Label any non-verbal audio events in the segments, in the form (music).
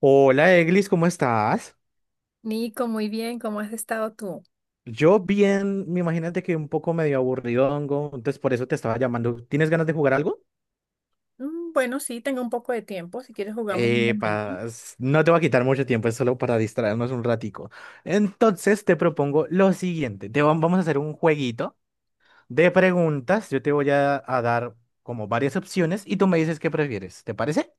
Hola Eglis, ¿cómo estás? Nico, muy bien, ¿cómo has estado tú? Yo bien, me imagínate que un poco medio aburridongo, entonces por eso te estaba llamando. ¿Tienes ganas de jugar algo? Bueno, sí, tengo un poco de tiempo, si quieres jugamos un Eh, momento. no te va a quitar mucho tiempo, es solo para distraernos un ratico. Entonces te propongo lo siguiente, te vamos a hacer un jueguito de preguntas, yo te voy a dar como varias opciones y tú me dices qué prefieres, ¿te parece?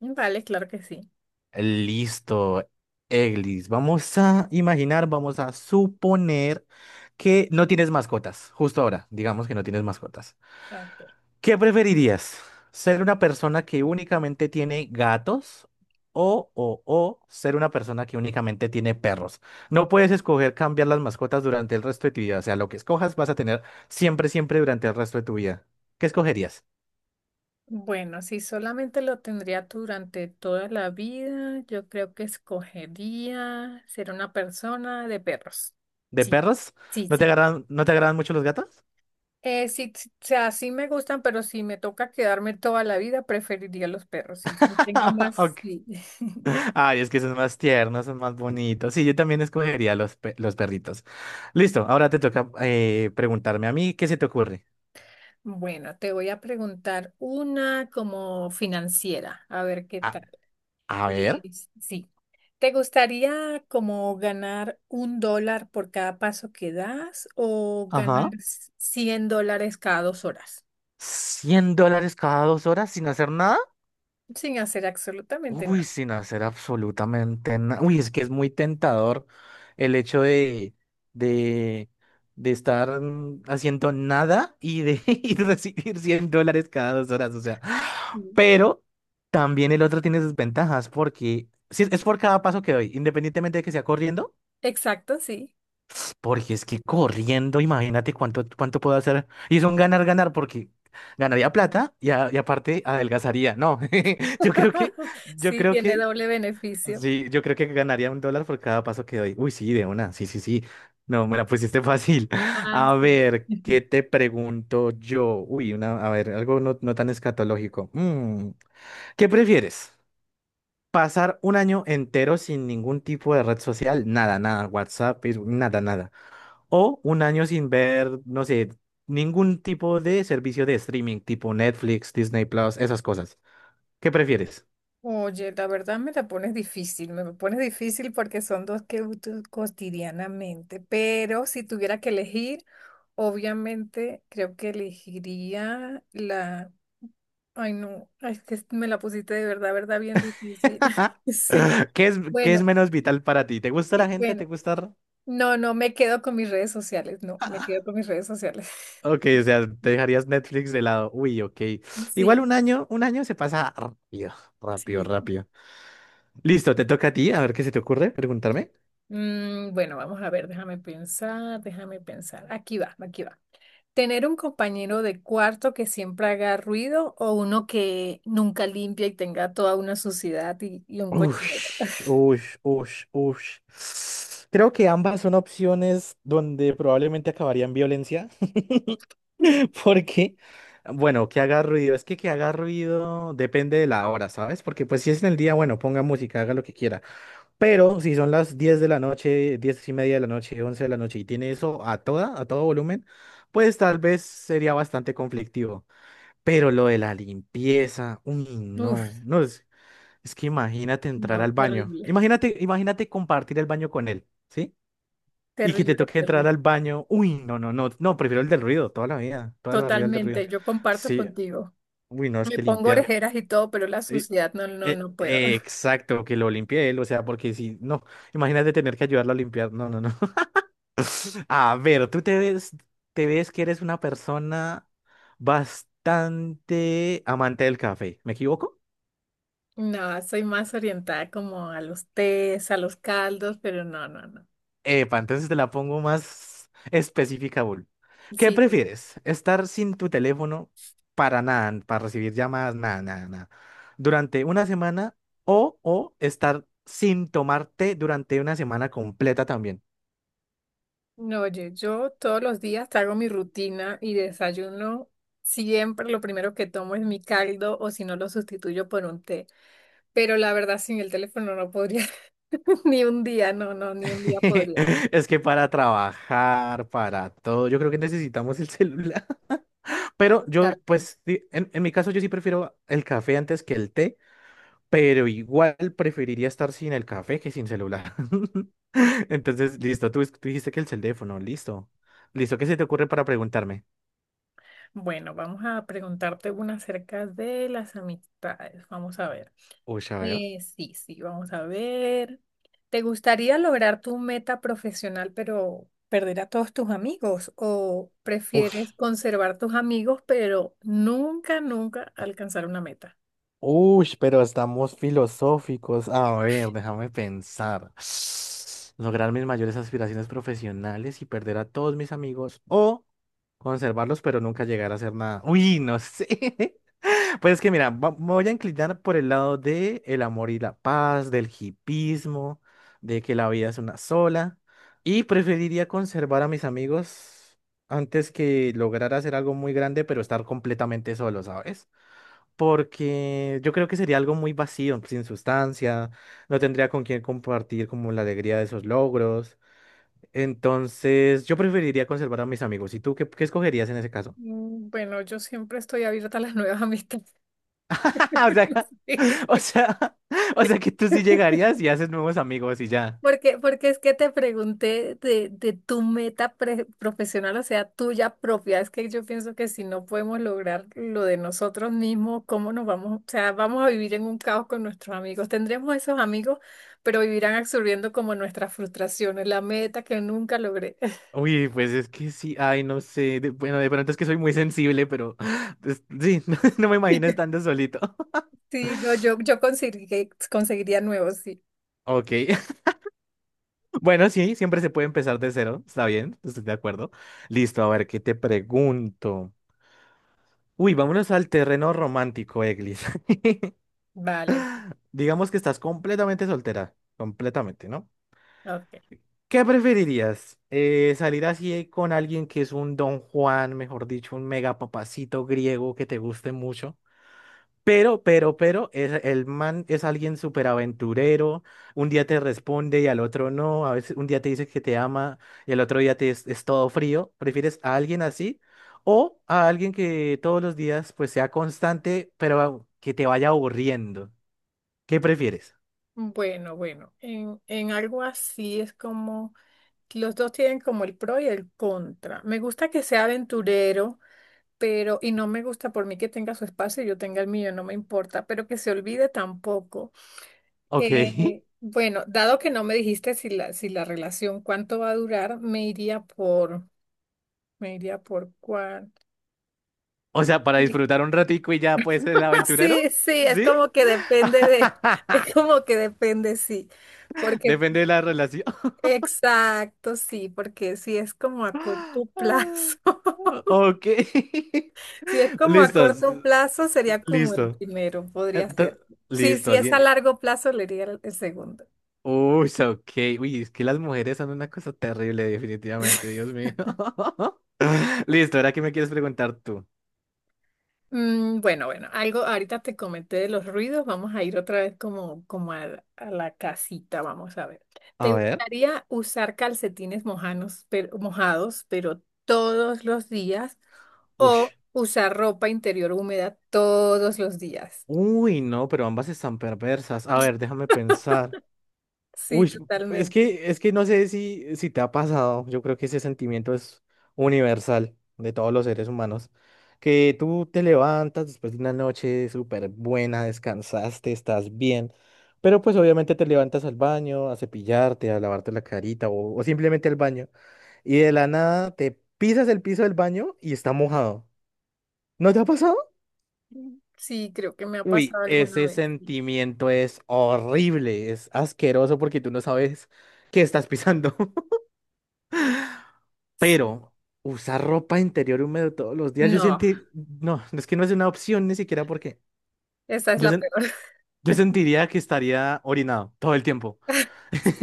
Vale, claro que sí. Listo, Eglis. Vamos a imaginar, vamos a suponer que no tienes mascotas. Justo ahora, digamos que no tienes mascotas. Ok. ¿Qué preferirías? ¿Ser una persona que únicamente tiene gatos o ser una persona que únicamente tiene perros? No puedes escoger cambiar las mascotas durante el resto de tu vida. O sea, lo que escojas vas a tener siempre, siempre durante el resto de tu vida. ¿Qué escogerías? Bueno, si solamente lo tendría tú durante toda la vida, yo creo que escogería ser una persona de perros. ¿De Sí, perros? sí, ¿No te sí. agradan, no te agradan mucho los gatos? Sí, sí, o sea, sí me gustan, pero si me toca quedarme toda la vida, preferiría los perros. Sí, sí tengo (laughs) más. Ok. Sí. (laughs) Ay, es que son más tiernos, son más bonitos. Sí, yo también escogería los, pe- los perritos. Listo, ahora te toca preguntarme a mí, ¿qué se te ocurre? Bueno, te voy a preguntar una como financiera, a ver qué A, tal. a ver. Eh, sí. ¿Te gustaría como ganar $1 por cada paso que das o ganar Ajá. $100 cada 2 horas ¿$100 cada 2 horas sin hacer nada? sin hacer absolutamente Uy, nada? sin hacer absolutamente nada. Uy, es que es muy tentador el hecho de, de estar haciendo nada y de (laughs) y recibir $100 cada 2 horas. O sea. Mm. Pero también el otro tiene sus ventajas porque sí, es por cada paso que doy, independientemente de que sea corriendo, Exacto, sí. porque es que corriendo, imagínate cuánto puedo hacer. Y es un ganar, ganar, porque ganaría plata y aparte adelgazaría. No, (laughs) yo creo que, (laughs) yo Sí, creo tiene que, doble beneficio. sí, yo creo que ganaría $1 por cada paso que doy. Uy, sí, de una, sí, sí, sí. No, me la pusiste fácil. (laughs) Ah, A sí. ver, ¿qué (laughs) te pregunto yo? Uy, una, a ver, algo no, no tan escatológico. ¿Qué prefieres? Pasar un año entero sin ningún tipo de red social, nada, nada, WhatsApp, Facebook, nada, nada. O un año sin ver, no sé, ningún tipo de servicio de streaming, tipo Netflix, Disney Plus, esas cosas. ¿Qué prefieres? Oye, la verdad me la pones difícil, me pones difícil porque son dos que uso cotidianamente, pero si tuviera que elegir, obviamente creo que elegiría la. Ay, no, ay, es que me la pusiste de verdad, verdad, bien difícil. (laughs) (laughs) Sí, ¿Qué es bueno, menos vital para ti? ¿Te gusta la sí, gente? bueno, ¿Te gusta? no, no, me quedo con mis redes sociales, no, me quedo con (laughs) mis redes sociales. Ok, o (laughs) sea, te dejarías Netflix de lado. Uy, ok. Igual Sí, un año se pasa rápido, rápido, sí. rápido. Listo, te toca a ti, a ver qué se te ocurre preguntarme. Bueno, vamos a ver, déjame pensar, déjame pensar. Aquí va, aquí va. ¿Tener un compañero de cuarto que siempre haga ruido o uno que nunca limpia y tenga toda una suciedad y un cochinero? Ush, (laughs) ush, ush, ush. Creo que ambas son opciones donde probablemente acabaría en violencia, (laughs) porque, bueno, que haga ruido, es que haga ruido depende de la hora, ¿sabes? Porque pues si es en el día, bueno, ponga música, haga lo que quiera, pero si son las 10 de la noche, 10:30 de la noche, 11 de la noche y tiene eso a todo volumen, pues tal vez sería bastante conflictivo. Pero lo de la limpieza, uy, no, Uf, no, es que imagínate entrar no, al baño. terrible, Imagínate, imagínate compartir el baño con él, ¿sí? Y que te terrible, toque terrible. entrar al baño. Uy, no, no, no, no, prefiero el del ruido, toda la vida el del ruido. Totalmente, yo comparto Sí, contigo. uy, no, es Me que pongo limpiar. orejeras y todo, pero la eh, suciedad no, no, no puedo. (laughs) Exacto, que lo limpie él, o sea, porque si, no, imagínate tener que ayudarlo a limpiar. No, no, no. (laughs) A ver, tú te ves que eres una persona bastante amante del café, ¿me equivoco? No, soy más orientada como a los tés, a los caldos, pero no, no, no. Epa, entonces te la pongo más específica, Bull. ¿Qué Sí, sí. prefieres? ¿Estar sin tu teléfono para nada, para recibir llamadas, nada, nada, nada, durante una semana o estar sin tomarte durante una semana completa también? No, oye, yo todos los días hago mi rutina y desayuno. Siempre lo primero que tomo es mi caldo o si no lo sustituyo por un té. Pero la verdad, sin el teléfono no podría, (laughs) ni un día, no, no, ni un día podría. ¿No? (laughs) Es que para trabajar, para todo, yo creo que necesitamos el celular. (laughs) Pero yo, Totalmente. pues, en mi caso, yo sí prefiero el café antes que el té. Pero igual preferiría estar sin el café que sin celular. (laughs) Entonces, listo, tú dijiste que el teléfono, listo. Listo, ¿qué se te ocurre para preguntarme? Bueno, vamos a preguntarte una acerca de las amistades. Vamos a ver. Uy, a ver. Sí, sí, vamos a ver. ¿Te gustaría lograr tu meta profesional pero perder a todos tus amigos? ¿O Ush, prefieres conservar tus amigos pero nunca, nunca alcanzar una meta? ush, pero estamos filosóficos. A ver, déjame pensar. (sniffs) Lograr mis mayores aspiraciones profesionales y perder a todos mis amigos o conservarlos pero nunca llegar a hacer nada. Uy, no sé. (laughs) Pues es que mira, me voy a inclinar por el lado de el amor y la paz, del hipismo, de que la vida es una sola, y preferiría conservar a mis amigos antes que lograr hacer algo muy grande, pero estar completamente solo, ¿sabes? Porque yo creo que sería algo muy vacío, sin sustancia, no tendría con quién compartir como la alegría de esos logros. Entonces, yo preferiría conservar a mis amigos. ¿Y tú qué escogerías en ese caso? Bueno, yo siempre estoy abierta a las nuevas amistades. (laughs) O sea, o (laughs) sea, o sea que tú sí Sí. llegarías y haces nuevos amigos y ya. Porque, porque es que te pregunté de tu meta profesional, o sea, tuya propia. Es que yo pienso que si no podemos lograr lo de nosotros mismos, ¿cómo nos vamos? O sea, vamos a vivir en un caos con nuestros amigos. Tendremos esos amigos, pero vivirán absorbiendo como nuestras frustraciones, la meta que nunca logré. (laughs) Uy, pues es que sí, ay, no sé, bueno, de pronto es que soy muy sensible, pero (laughs) pues, sí, (laughs) no, no me imagino Yo- estando solito. (laughs) Sí, no, yo conseguiría, conseguiría nuevos, sí. Ok, (laughs) bueno, sí, siempre se puede empezar de cero, está bien, estoy de acuerdo. Listo, a ver, ¿qué te pregunto? Uy, vámonos al terreno romántico, Eglis. (laughs) Vale, Digamos que estás completamente soltera, completamente, ¿no? ok. ¿Qué preferirías? ¿Salir así con alguien que es un Don Juan, mejor dicho, un mega papacito griego que te guste mucho? Pero, el man es alguien súper aventurero, un día te responde y al otro no, a veces un día te dice que te ama y al otro día te es todo frío. ¿Prefieres a alguien así o a alguien que todos los días pues sea constante, pero que te vaya aburriendo? ¿Qué prefieres? Bueno, bueno, en algo así es como... Los dos tienen como el pro y el contra. Me gusta que sea aventurero, pero, y no me gusta por mí que tenga su espacio y yo tenga el mío, no me importa, pero que se olvide tampoco. Ok, (laughs) Bueno, dado que no me dijiste si si la relación cuánto va a durar, me iría por cuál. o sea, para Sí, disfrutar un ratico y ya pues el (laughs) aventurero. sí, sí, es ¿Sí? como que depende de, (laughs) es (laughs) como que depende, sí. Porque, Depende de la relación. exacto, sí, porque sí es como a corto (laughs) (laughs) plazo. Ok. Si es (laughs) como a Listos. corto plazo, sería como el Listo. primero, podría Ento- ser. Sí, Listo. si es a Alguien. largo plazo, le diría el segundo. Uy, so, ok. Uy, es que las mujeres son una cosa terrible, definitivamente, Dios mío. (laughs) Listo, ahora qué me quieres preguntar tú. Bueno, bueno, algo ahorita te comenté de los ruidos, vamos a ir otra vez como, como a la casita, vamos a ver. ¿Te A ver. gustaría usar calcetines mojanos, pero, mojados, pero todos los días Uy. o usar ropa interior húmeda todos los días? Uy, no, pero ambas están perversas. A ver, déjame pensar. Sí, Uy, es totalmente. que, es que no sé si, si te ha pasado, yo creo que ese sentimiento es universal de todos los seres humanos, que tú te levantas después de una noche súper buena, descansaste, estás bien, pero pues obviamente te levantas al baño, a cepillarte, a lavarte la carita o simplemente al baño, y de la nada te pisas el piso del baño y está mojado. ¿No te ha pasado? Sí, creo que me ha Uy, pasado alguna ese vez. Sí. sentimiento es horrible, es asqueroso porque tú no sabes qué estás pisando. (laughs) Sí. Pero usar ropa interior húmedo todos los días, yo No. sentí, no, es que no es una opción ni siquiera porque Esa es yo, la sen- peor. (laughs) yo sentiría que estaría orinado todo el tiempo.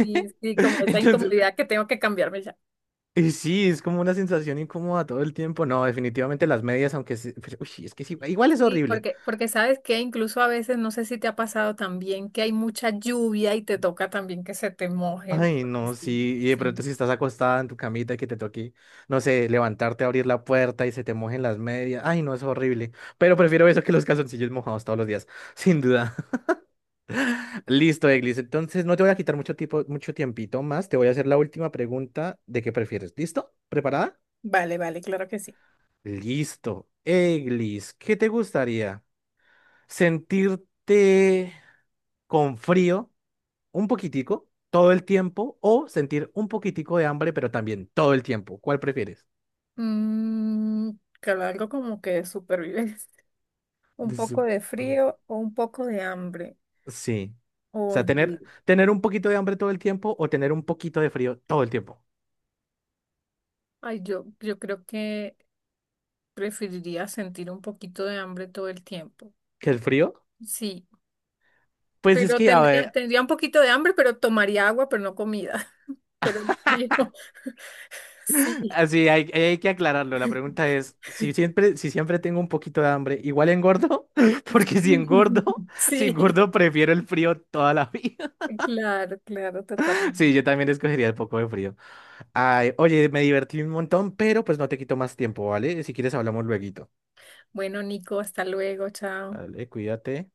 Sí, sí, como esa Entonces, incomodidad que tengo que cambiarme ya. y sí, es como una sensación incómoda todo el tiempo. No, definitivamente las medias, pero, uy, es que sí, igual es Sí, horrible. porque, porque sabes que incluso a veces, no sé si te ha pasado también, que hay mucha lluvia y te toca también que se te mojen. Ay, Porque no, sí, sí, y de sí. pronto si estás acostada en tu camita y que te toque, no sé, levantarte, a abrir la puerta y se te mojen las medias. Ay, no, es horrible. Pero prefiero eso que los calzoncillos mojados todos los días, (laughs) sin duda. Listo, Eglis. Entonces no te voy a quitar mucho tiempo, mucho tiempito más. Te voy a hacer la última pregunta de qué prefieres. ¿Listo? ¿Preparada? Vale, vale, claro que sí. Listo. Eglis, ¿qué te gustaría? ¿Sentirte con frío un poquitico todo el tiempo o sentir un poquitico de hambre, pero también todo el tiempo? ¿Cuál prefieres? Mm, claro, algo como que de supervivencia. (laughs) Un poco Su- de frío o un poco de hambre. Sí. O sea, Oye, tener, tener un poquito de hambre todo el tiempo o tener un poquito de frío todo el tiempo. ay, yo creo que preferiría sentir un poquito de hambre todo el tiempo. ¿Qué el frío? Sí. Pues es Pero que, a tendría, ver, tendría un poquito de hambre, pero tomaría agua, pero no comida. (laughs) Pero frío, (laughs) sí. así hay que aclararlo. La pregunta (laughs) es, si siempre, tengo un poquito de hambre, ¿igual engordo? (laughs) Porque si engordo, si Sí, engordo, prefiero el frío toda la vida. (laughs) claro, claro, Sí, totalmente. yo también escogería el poco de frío. Ay, oye, me divertí un montón, pero pues no te quito más tiempo, ¿vale? Si quieres hablamos lueguito. Bueno, Nico, hasta luego, chao. Vale, cuídate.